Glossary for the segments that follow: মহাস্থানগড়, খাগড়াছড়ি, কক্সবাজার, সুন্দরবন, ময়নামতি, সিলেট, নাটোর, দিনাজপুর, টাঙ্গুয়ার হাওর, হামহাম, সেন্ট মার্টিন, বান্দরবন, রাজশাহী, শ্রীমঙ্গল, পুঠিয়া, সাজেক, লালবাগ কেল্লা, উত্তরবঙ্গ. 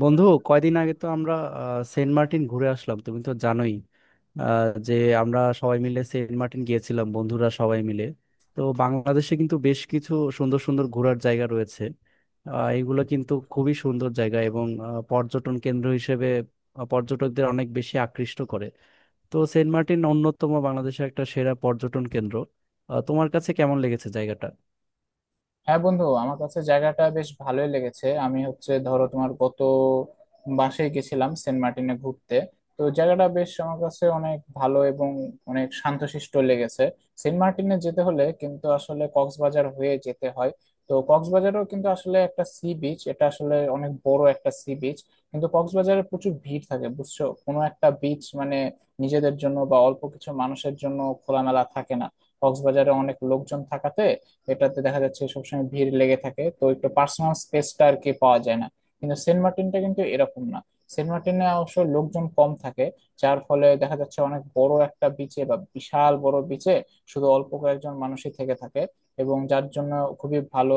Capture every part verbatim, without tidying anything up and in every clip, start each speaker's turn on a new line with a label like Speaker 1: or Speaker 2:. Speaker 1: বন্ধু কয়দিন আগে তো আমরা আহ, সেন্ট মার্টিন ঘুরে আসলাম। তুমি তো জানোই আহ, যে আমরা সবাই মিলে সেন্ট মার্টিন গিয়েছিলাম, বন্ধুরা সবাই মিলে। তো বাংলাদেশে কিন্তু বেশ কিছু সুন্দর সুন্দর ঘোরার জায়গা রয়েছে। আহ, এগুলো কিন্তু খুবই সুন্দর জায়গা এবং আহ, পর্যটন কেন্দ্র হিসেবে আহ, পর্যটকদের অনেক বেশি আকৃষ্ট করে। তো সেন্ট মার্টিন অন্যতম বাংলাদেশের একটা সেরা পর্যটন কেন্দ্র। আহ, তোমার কাছে কেমন লেগেছে জায়গাটা?
Speaker 2: হ্যাঁ বন্ধু, আমার কাছে জায়গাটা বেশ ভালোই লেগেছে। আমি হচ্ছে ধরো তোমার গত মাসেই গেছিলাম সেন্ট মার্টিনে ঘুরতে। তো জায়গাটা বেশ আমার কাছে অনেক ভালো এবং অনেক শান্তশিষ্ট লেগেছে। সেন্ট মার্টিনে যেতে হলে কিন্তু আসলে কক্সবাজার হয়ে যেতে হয়। তো কক্সবাজারও কিন্তু আসলে একটা সি বিচ, এটা আসলে অনেক বড় একটা সি বিচ, কিন্তু কক্সবাজারে প্রচুর ভিড় থাকে, বুঝছো। কোনো একটা বিচ মানে নিজেদের জন্য বা অল্প কিছু মানুষের জন্য খোলামেলা থাকে না। কক্সবাজারে অনেক লোকজন থাকাতে এটাতে দেখা যাচ্ছে সবসময় ভিড় লেগে থাকে, তো একটু পার্সোনাল স্পেসটা আর কি পাওয়া যায় না। কিন্তু সেন্ট মার্টিনটা কিন্তু এরকম না। সেন্ট মার্টিনে অবশ্য লোকজন কম থাকে, যার ফলে দেখা যাচ্ছে অনেক বড় একটা বিচে বা বিশাল বড় বিচে শুধু অল্প কয়েকজন মানুষই থেকে থাকে। এবং যার জন্য খুবই ভালো,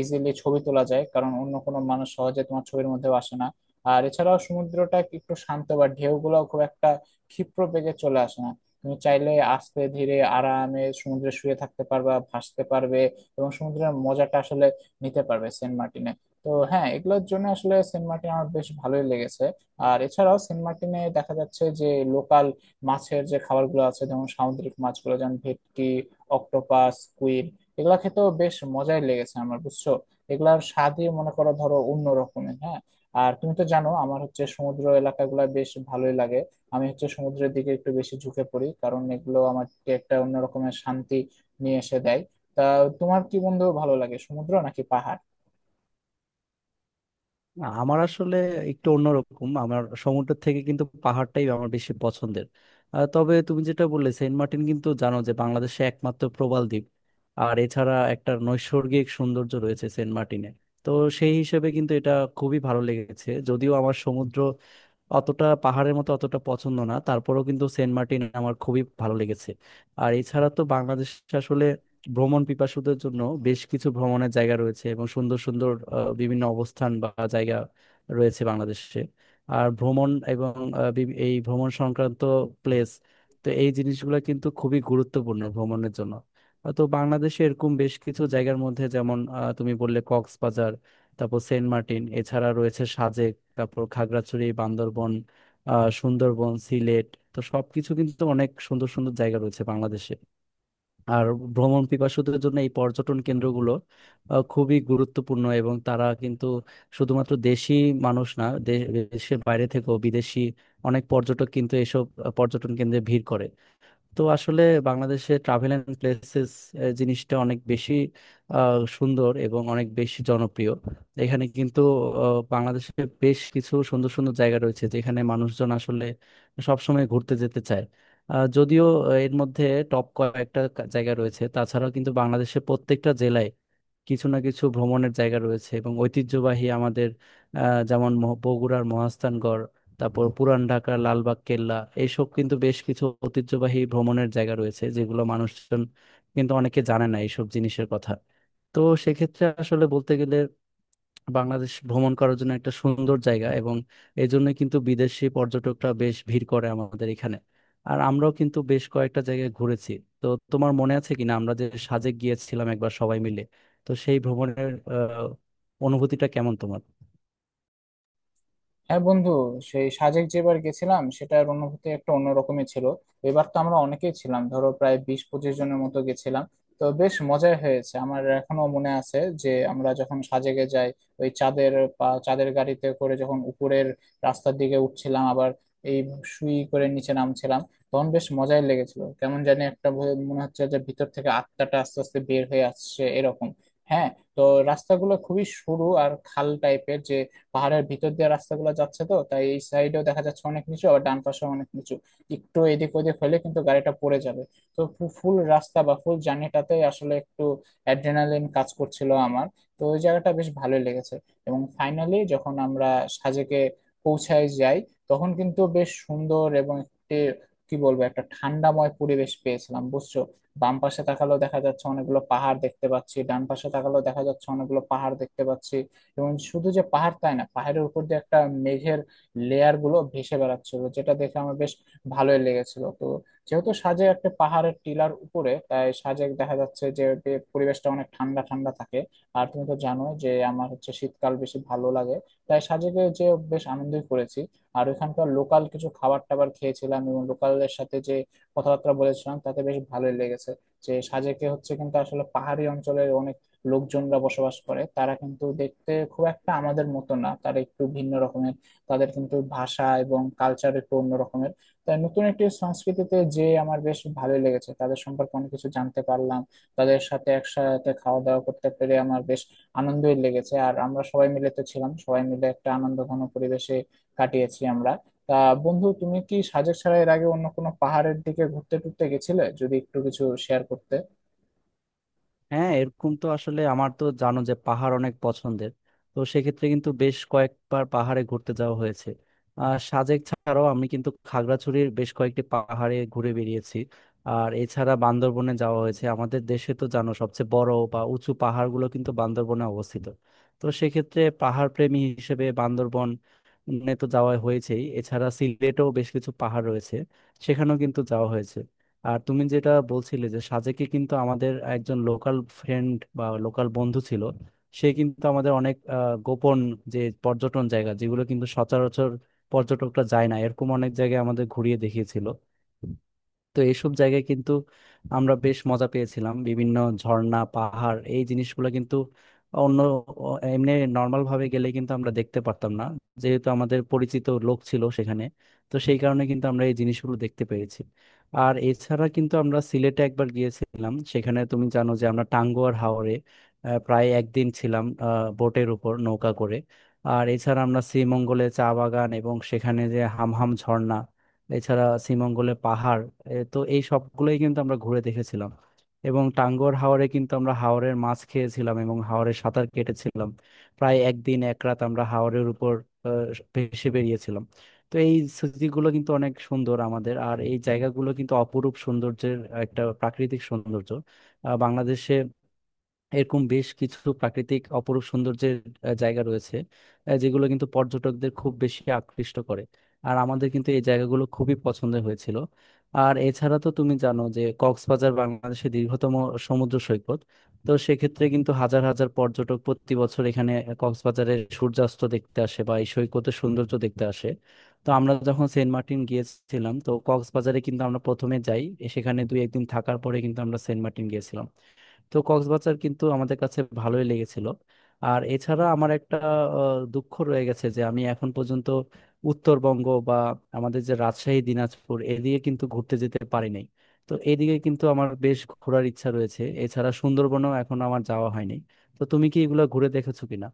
Speaker 2: ইজিলি ছবি তোলা যায়, কারণ অন্য কোনো মানুষ সহজে তোমার ছবির মধ্যেও আসে না। আর এছাড়াও সমুদ্রটা একটু শান্ত বা ঢেউগুলো খুব একটা ক্ষিপ্র বেগে চলে আসে না। তুমি চাইলে আস্তে ধীরে আরামে সমুদ্রে শুয়ে থাকতে পারবা, ভাসতে পারবে, এবং সমুদ্রের মজাটা আসলে নিতে পারবে সেন্ট মার্টিনে। তো হ্যাঁ, এগুলোর জন্য আসলে সেন্ট মার্টিন আমার বেশ ভালোই লেগেছে। আর এছাড়াও সেন্ট মার্টিনে দেখা যাচ্ছে যে লোকাল মাছের যে খাবারগুলো আছে, যেমন সামুদ্রিক মাছগুলো যেমন ভেটকি, অক্টোপাস, কুইল, এগুলা খেতেও বেশ মজাই লেগেছে আমার, বুঝছো। এগুলার স্বাদই মনে করো ধরো অন্য রকমের। হ্যাঁ, আর তুমি তো জানো আমার হচ্ছে সমুদ্র এলাকাগুলো বেশ ভালোই লাগে। আমি হচ্ছে সমুদ্রের দিকে একটু বেশি ঝুঁকে পড়ি, কারণ এগুলো আমাকে একটা অন্যরকমের শান্তি নিয়ে এসে দেয়। তা, তোমার কি বন্ধু ভালো লাগে, সমুদ্র নাকি পাহাড়?
Speaker 1: না, আমার আসলে একটু অন্যরকম, আমার সমুদ্রের থেকে কিন্তু পাহাড়টাই আমার বেশি পছন্দের। আহ, তবে তুমি যেটা বললে, সেন্ট মার্টিন কিন্তু জানো যে বাংলাদেশে একমাত্র প্রবাল দ্বীপ। আর এছাড়া একটা নৈসর্গিক সৌন্দর্য রয়েছে সেন্ট মার্টিনে। তো সেই হিসেবে কিন্তু এটা খুবই ভালো লেগেছে। যদিও আমার সমুদ্র অতটা, পাহাড়ের মতো অতটা পছন্দ না, তারপরেও কিন্তু সেন্ট মার্টিন আমার খুবই ভালো লেগেছে। আর এছাড়া তো বাংলাদেশ আসলে ভ্রমণ পিপাসুদের জন্য বেশ কিছু ভ্রমণের জায়গা রয়েছে এবং সুন্দর সুন্দর আহ, বিভিন্ন অবস্থান বা জায়গা রয়েছে বাংলাদেশে। আর ভ্রমণ এবং আহ, বিভি- এই ভ্রমণ সংক্রান্ত প্লেস, তো এই জিনিসগুলো কিন্তু খুবই গুরুত্বপূর্ণ ভ্রমণের জন্য। আহ, তো বাংলাদেশে এরকম বেশ কিছু জায়গার মধ্যে, যেমন আহ, তুমি বললে কক্সবাজার, তারপর সেন্ট মার্টিন, এছাড়া রয়েছে সাজেক, তারপর খাগড়াছড়ি, বান্দরবন, আহ সুন্দরবন, সিলেট। তো সবকিছু কিন্তু অনেক সুন্দর সুন্দর জায়গা রয়েছে বাংলাদেশে। আর ভ্রমণ পিপাসুদের জন্য এই পর্যটন কেন্দ্রগুলো আহ, খুবই গুরুত্বপূর্ণ এবং তারা কিন্তু শুধুমাত্র দেশি মানুষ না, দে- দেশের বাইরে থেকেও বিদেশি অনেক পর্যটক কিন্তু এসব আহ, পর্যটন কেন্দ্রে ভিড় করে। তো আসলে বাংলাদেশে ট্রাভেল এন্ড প্লেসেস জিনিসটা অনেক বেশি আহ, সুন্দর এবং অনেক বেশি জনপ্রিয়। এখানে কিন্তু আহ, বাংলাদেশে বেশ কিছু সুন্দর সুন্দর জায়গা রয়েছে যেখানে মানুষজন আসলে সবসময় ঘুরতে যেতে চায়। আহ, যদিও আহ, এর মধ্যে টপ কয়েকটা কা- জায়গা রয়েছে, তাছাড়াও কিন্তু বাংলাদেশে প্রত্যেকটা জেলায় কিছু না কিছু ভ্রমণের জায়গা রয়েছে এবং ঐতিহ্যবাহী আমাদের আহ, যেমন মহ- বগুড়ার মহাস্থানগড়, তারপর পুরান ঢাকার লালবাগ কেল্লা। এইসব কিন্তু বেশ কিছু ঐতিহ্যবাহী ভ্রমণের জায়গা রয়েছে যেগুলো মানুষজন, কিন্তু অনেকে জানে না এইসব জিনিসের কথা। তো সেক্ষেত্রে আসলে বলতে গেলে, বাংলাদেশ ভ্রমণ করার জন্য একটা সুন্দর জায়গা এবং এই জন্য কিন্তু বিদেশি পর্যটকরা বেশ ভিড় করে আমাদের এখানে। আর আমরাও কিন্তু বেশ কয়েকটা জায়গায় ঘুরেছি। তো তোমার মনে আছে কিনা আমরা যে সাজেক গিয়েছিলাম একবার সবাই মিলে? তো সেই ভ্রমণের আহ, অনুভূতিটা কেমন তোমার?
Speaker 2: হ্যাঁ বন্ধু, সেই সাজেক যেবার গেছিলাম সেটার অনুভূতি একটা অন্যরকমই ছিল। এবার তো আমরা অনেকেই ছিলাম, ধরো প্রায় বিশ পঁচিশ জনের মতো গেছিলাম। তো বেশ মজাই হয়েছে, আমার এখনো মনে আছে যে আমরা যখন সাজেকে যাই, ওই চাঁদের পা- চাঁদের গাড়িতে করে যখন উপরের রাস্তার দিকে উঠছিলাম, আবার এই সুই করে নিচে নামছিলাম, তখন বেশ মজাই লেগেছিল। কেমন জানি একটা ভয়- মনে হচ্ছে যে ভিতর থেকে আত্মাটা আস্তে আস্তে বের হয়ে আসছে এরকম। হ্যাঁ। তো রাস্তাগুলো খুবই সরু আর খাল টাইপের, যে পাহাড়ের ভিতর দিয়ে রাস্তাগুলো যাচ্ছে, তো তাই এই সাইডেও দেখা যাচ্ছে অনেক নিচু, আবার ডান পাশেও অনেক নিচু। একটু এদিক ওদিক হলে কিন্তু গাড়িটা পড়ে যাবে। তো ফুল রাস্তা বা ফুল জার্নিটাতে আসলে একটু অ্যাড্রেনালিন কাজ করছিল আমার। তো ওই জায়গাটা বেশ ভালোই লেগেছে। এবং ফাইনালি যখন আমরা সাজেকে পৌঁছায় যাই, তখন কিন্তু বেশ সুন্দর এবং একটি কি বলবো একটা ঠান্ডাময় পরিবেশ পেয়েছিলাম, বুঝছো। বাম পাশে তাকালেও দেখা যাচ্ছে অনেকগুলো পাহাড় দেখতে পাচ্ছি, ডান পাশে তাকালেও দেখা যাচ্ছে অনেকগুলো পাহাড় দেখতে পাচ্ছি। এবং শুধু যে পাহাড় তাই না, পাহাড়ের উপর দিয়ে একটা মেঘের লেয়ার গুলো ভেসে বেড়াচ্ছিল, যেটা দেখে আমার বেশ ভালোই লেগেছিল। তো যেহেতু সাজেক একটা পাহাড়ের টিলার উপরে, তাই সাজেক দেখা যাচ্ছে যে যে পরিবেশটা অনেক ঠান্ডা ঠান্ডা থাকে। আর তুমি তো জানো যে আমার হচ্ছে শীতকাল বেশি ভালো লাগে, তাই সাজেকে যে বেশ আনন্দই করেছি। আর ওখানকার লোকাল কিছু খাবার টাবার খেয়েছিলাম এবং লোকালদের সাথে যে কথাবার্তা বলেছিলাম, তাতে বেশ ভালোই লেগেছে। যে সাজেকে হচ্ছে কিন্তু আসলে পাহাড়ি অঞ্চলের অনেক লোকজনরা বসবাস করে, তারা কিন্তু দেখতে খুব একটা আমাদের মতো না, তারা একটু ভিন্ন রকমের। তাদের কিন্তু ভাষা এবং কালচার একটু অন্য রকমের। তাই নতুন একটি সংস্কৃতিতে যে আমার বেশ ভালোই লেগেছে, তাদের সম্পর্কে অনেক কিছু জানতে পারলাম। তাদের সাথে একসাথে খাওয়া দাওয়া করতে পেরে আমার বেশ আনন্দই লেগেছে। আর আমরা সবাই মিলে তো ছিলাম, সবাই মিলে একটা আনন্দঘন পরিবেশে কাটিয়েছি আমরা। তা বন্ধু, তুমি কি সাজেক ছাড়া এর আগে অন্য কোনো পাহাড়ের দিকে ঘুরতে টুরতে গেছিলে, যদি একটু কিছু শেয়ার করতে?
Speaker 1: হ্যাঁ, এরকম তো আসলে আমার, তো জানো যে পাহাড় অনেক পছন্দের, তো সেক্ষেত্রে কিন্তু বেশ কয়েকবার পাহাড়ে ঘুরতে যাওয়া হয়েছে। আর সাজেক ছাড়াও আমি কিন্তু খাগড়াছড়ির বেশ কয়েকটি পাহাড়ে ঘুরে বেরিয়েছি। আর এছাড়া বান্দরবনে যাওয়া হয়েছে। আমাদের দেশে তো জানো সবচেয়ে বড় বা উঁচু পাহাড়গুলো কিন্তু বান্দরবনে অবস্থিত। তো সেক্ষেত্রে পাহাড় প্রেমী হিসেবে বান্দরবন তো যাওয়া হয়েছেই। এছাড়া সিলেটেও বেশ কিছু পাহাড় রয়েছে, সেখানেও কিন্তু যাওয়া হয়েছে। আর তুমি যেটা বলছিলে যে সাজেকে কিন্তু আমাদের একজন লোকাল ফ্রেন্ড বা লোকাল বন্ধু ছিল। সে কিন্তু আমাদের অনেক আহ, গোপন যে পর্যটন জায়গা, যেগুলো কিন্তু সচরাচর পর্যটকরা যায় না, এরকম অনেক জায়গায় আমাদের ঘুরিয়ে দেখিয়েছিল। তো এইসব জায়গায় কিন্তু আমরা বেশ মজা পেয়েছিলাম। বিভিন্ন ঝর্ণা, পাহাড়, এই জিনিসগুলো কিন্তু অন্য অ- এমনি নর্মাল ভাবে গেলে কিন্তু আমরা দেখতে পারতাম না। যেহেতু আমাদের পরিচিত লোক ছিল সেখানে, তো সেই কারণে কিন্তু আমরা এই জিনিসগুলো দেখতে পেরেছি। আর এছাড়া কিন্তু আমরা সিলেটে একবার গিয়েছিলাম, সেখানে তুমি জানো যে আমরা টাঙ্গুয়ার হাওরে আহ, প্রায় একদিন ছিলাম আহ, বোটের উপর নৌকা করে। আর এছাড়া আমরা শ্রীমঙ্গলে চা বাগান এবং সেখানে যে হামহাম ঝর্ণা, এছাড়া শ্রীমঙ্গলে পাহাড়, এ তো এই সবগুলোই কিন্তু আমরা ঘুরে দেখেছিলাম। এবং টাঙ্গর হাওরে কিন্তু আমরা হাওরের মাছ খেয়েছিলাম এবং হাওরে সাঁতার কেটেছিলাম। প্রায় একদিন এক রাত আমরা হাওরের উপর আহ, ভেসে বেরিয়েছিলাম। তো এই স্মৃতিগুলো কিন্তু অনেক সুন্দর আমাদের, আর এই জায়গাগুলো কিন্তু অপরূপ সৌন্দর্যের, একটা প্রাকৃতিক সৌন্দর্য। আহ, বাংলাদেশে এরকম বেশ কিছু প্রাকৃতিক অপরূপ সৌন্দর্যের আহ, জায়গা রয়েছে, আহ, যেগুলো কিন্তু পর্যটকদের খুব বেশি আকৃষ্ট করে। আর আমাদের কিন্তু এই জায়গাগুলো খুবই পছন্দের হয়েছিল। আর এছাড়া তো তুমি জানো যে কক্সবাজার বাংলাদেশের দীর্ঘতম সমুদ্র সৈকত। তো সেক্ষেত্রে কিন্তু হাজার হাজার পর্যটক প্রতি বছর এখানে কক্সবাজারের সূর্যাস্ত দেখতে আসে বা এই সৈকতের সৌন্দর্য দেখতে আসে। তো আমরা যখন সেন্ট মার্টিন গিয়েছিলাম, তো কক্সবাজারে কিন্তু আমরা প্রথমে যাই, সেখানে দুই একদিন থাকার পরে কিন্তু আমরা সেন্ট মার্টিন গিয়েছিলাম। তো কক্সবাজার কিন্তু আমাদের কাছে ভালোই লেগেছিল। আর এছাড়া আমার একটা আহ, দুঃখ রয়ে গেছে যে আমি এখন পর্যন্ত উত্তরবঙ্গ বা আমাদের যে রাজশাহী, দিনাজপুর, এদিকে কিন্তু ঘুরতে যেতে পারি নাই। তো এদিকে কিন্তু আমার বেশ ঘোরার ইচ্ছা রয়েছে। এছাড়া সুন্দরবনও এখন আমার যাওয়া হয়নি। তো তুমি কি এগুলো ঘুরে দেখেছো কিনা?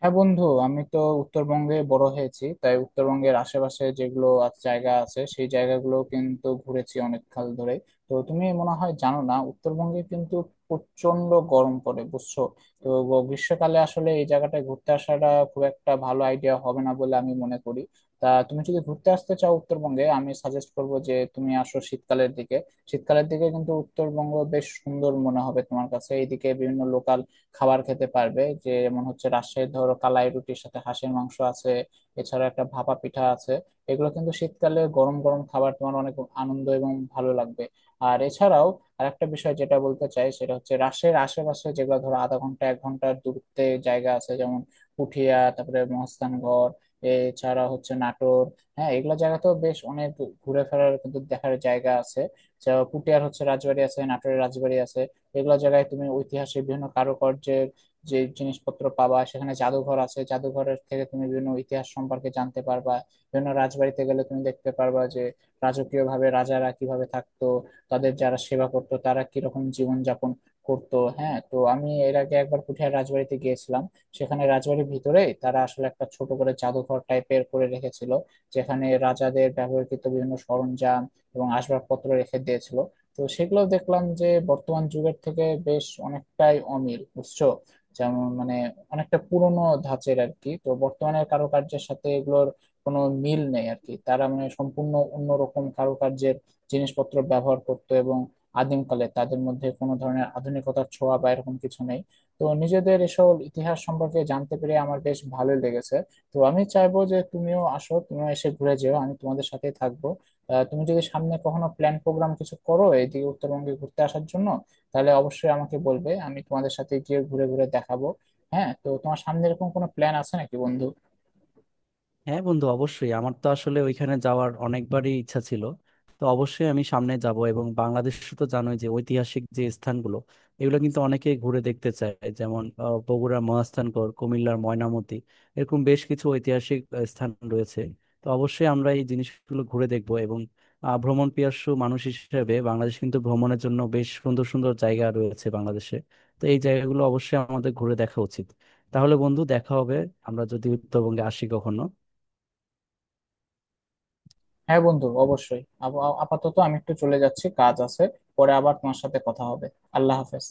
Speaker 2: হ্যাঁ বন্ধু, আমি তো উত্তরবঙ্গে বড় হয়েছি, তাই উত্তরবঙ্গের আশেপাশে যেগুলো আ- জায়গা আছে সেই জায়গাগুলো কিন্তু ঘুরেছি অনেক কাল ধরে। তো তুমি মনে হয় জানো না, উত্তরবঙ্গে কিন্তু প্রচন্ড গরম পড়ে, বুঝছো। তো গ- গ্রীষ্মকালে আসলে এই জায়গাটায় ঘুরতে আসাটা খুব একটা ভালো আইডিয়া হবে না বলে আমি মনে করি। তা তুমি যদি ঘুরতে আসতে চাও উত্তরবঙ্গে, আমি সাজেস্ট করবো যে তুমি আসো শীতকালের দিকে। শীতকালের দিকে কিন্তু উত্তরবঙ্গ বেশ সুন্দর মনে হবে তোমার কাছে। এইদিকে বিভিন্ন লোকাল খাবার খেতে পারবে, যে যেমন হচ্ছে রাজশাহীর ধরো কালাই রুটির সাথে হাঁসের মাংস আছে, এছাড়া একটা ভাপা পিঠা আছে। এগুলো কিন্তু শীতকালে গরম গরম খাবার, তোমার অনেক আনন্দ এবং ভালো লাগবে। আর এছাড়াও আরেকটা বিষয় যেটা বলতে চাই, সেটা হচ্ছে রাজশাহীর আশেপাশে যেগুলো ধরো আধা ঘন্টা এক ঘন্টার দূরত্বে জায়গা আছে, যেমন পুঠিয়া, তারপরে মহাস্থানগড়, এছাড়া হচ্ছে নাটোর। হ্যাঁ, এগুলো জায়গাতেও বেশ অনেক ঘুরে ফেরার কিন্তু দেখার জায়গা আছে। যা পুঠিয়ার হচ্ছে রাজবাড়ি আছে, নাটোরের রাজবাড়ি আছে। এগুলো জায়গায় তুমি ঐতিহাসিক বিভিন্ন কারুকার্যের যে জিনিসপত্র পাবা, সেখানে জাদুঘর আছে, জাদুঘরের থেকে তুমি বিভিন্ন ইতিহাস সম্পর্কে জানতে পারবা। বিভিন্ন রাজবাড়িতে গেলে তুমি দেখতে পারবা যে রাজকীয় ভাবে রাজারা কিভাবে থাকতো, তাদের যারা সেবা করতো তারা কিরকম জীবন যাপন করতো। হ্যাঁ, তো আমি এর আগে একবার পুঠিয়া রাজবাড়িতে গিয়েছিলাম, সেখানে রাজবাড়ির ভিতরে তারা আসলে একটা ছোট করে জাদুঘর টাইপের করে রেখেছিল, যেখানে রাজাদের ব্যবহৃত বিভিন্ন সরঞ্জাম এবং আসবাবপত্র রেখে দিয়েছিল। তো সেগুলো দেখলাম যে বর্তমান যুগের থেকে বেশ অনেকটাই অমিল, বুঝছো। যেমন মানে অনেকটা পুরনো ধাঁচের আর কি, তো বর্তমানের কারুকার্যের সাথে এগুলোর কোনো মিল নেই আর কি, তারা মানে সম্পূর্ণ অন্যরকম কারুকার্যের জিনিসপত্র ব্যবহার করতো এবং আদিমকালে তাদের মধ্যে কোনো ধরনের আধুনিকতার ছোঁয়া বা এরকম কিছু নেই। তো নিজেদের এসব ইতিহাস সম্পর্কে জানতে পেরে আমার বেশ ভালোই লেগেছে। তো আমি চাইবো যে তুমিও আসো, তুমিও এসে ঘুরে যেও, আমি তোমাদের সাথেই থাকবো। আহ, তুমি যদি সামনে কখনো প্ল্যান প্রোগ্রাম কিছু করো এইদিকে উত্তরবঙ্গে ঘুরতে আসার জন্য, তাহলে অবশ্যই আমাকে বলবে, আমি তোমাদের সাথে গিয়ে ঘুরে ঘুরে দেখাবো। হ্যাঁ, তো তোমার সামনে এরকম কোনো প্ল্যান আছে নাকি বন্ধু?
Speaker 1: হ্যাঁ বন্ধু, অবশ্যই আমার তো আসলে ওইখানে যাওয়ার অনেকবারই ইচ্ছা ছিল, তো অবশ্যই আমি সামনে যাব। এবং বাংলাদেশ তো জানোই যে ঐতিহাসিক যে স্থানগুলো, এগুলো কিন্তু অনেকে ঘুরে দেখতে চায়। যেমন আহ, বগুড়ার মহাস্থানগড়, কুমিল্লার ময়নামতি, এরকম বেশ কিছু ঐতিহাসিক আহ, স্থান রয়েছে। তো অবশ্যই আমরা এই জিনিসগুলো ঘুরে দেখব। এবং আহ, ভ্রমণ পিপাসু মানুষ হিসেবে বাংলাদেশ কিন্তু ভ্রমণের জন্য বেশ সুন্দর সুন্দর জায়গা রয়েছে বাংলাদেশে। তো এই জায়গাগুলো অবশ্যই আমাদের ঘুরে দেখা উচিত। তাহলে বন্ধু দেখা হবে আমরা যদি উত্তরবঙ্গে আসি কখনো।
Speaker 2: হ্যাঁ বন্ধু, অবশ্যই। আপ- আপাতত আমি একটু চলে যাচ্ছি, কাজ আছে। পরে আবার তোমার সাথে কথা হবে। আল্লাহ হাফেজ।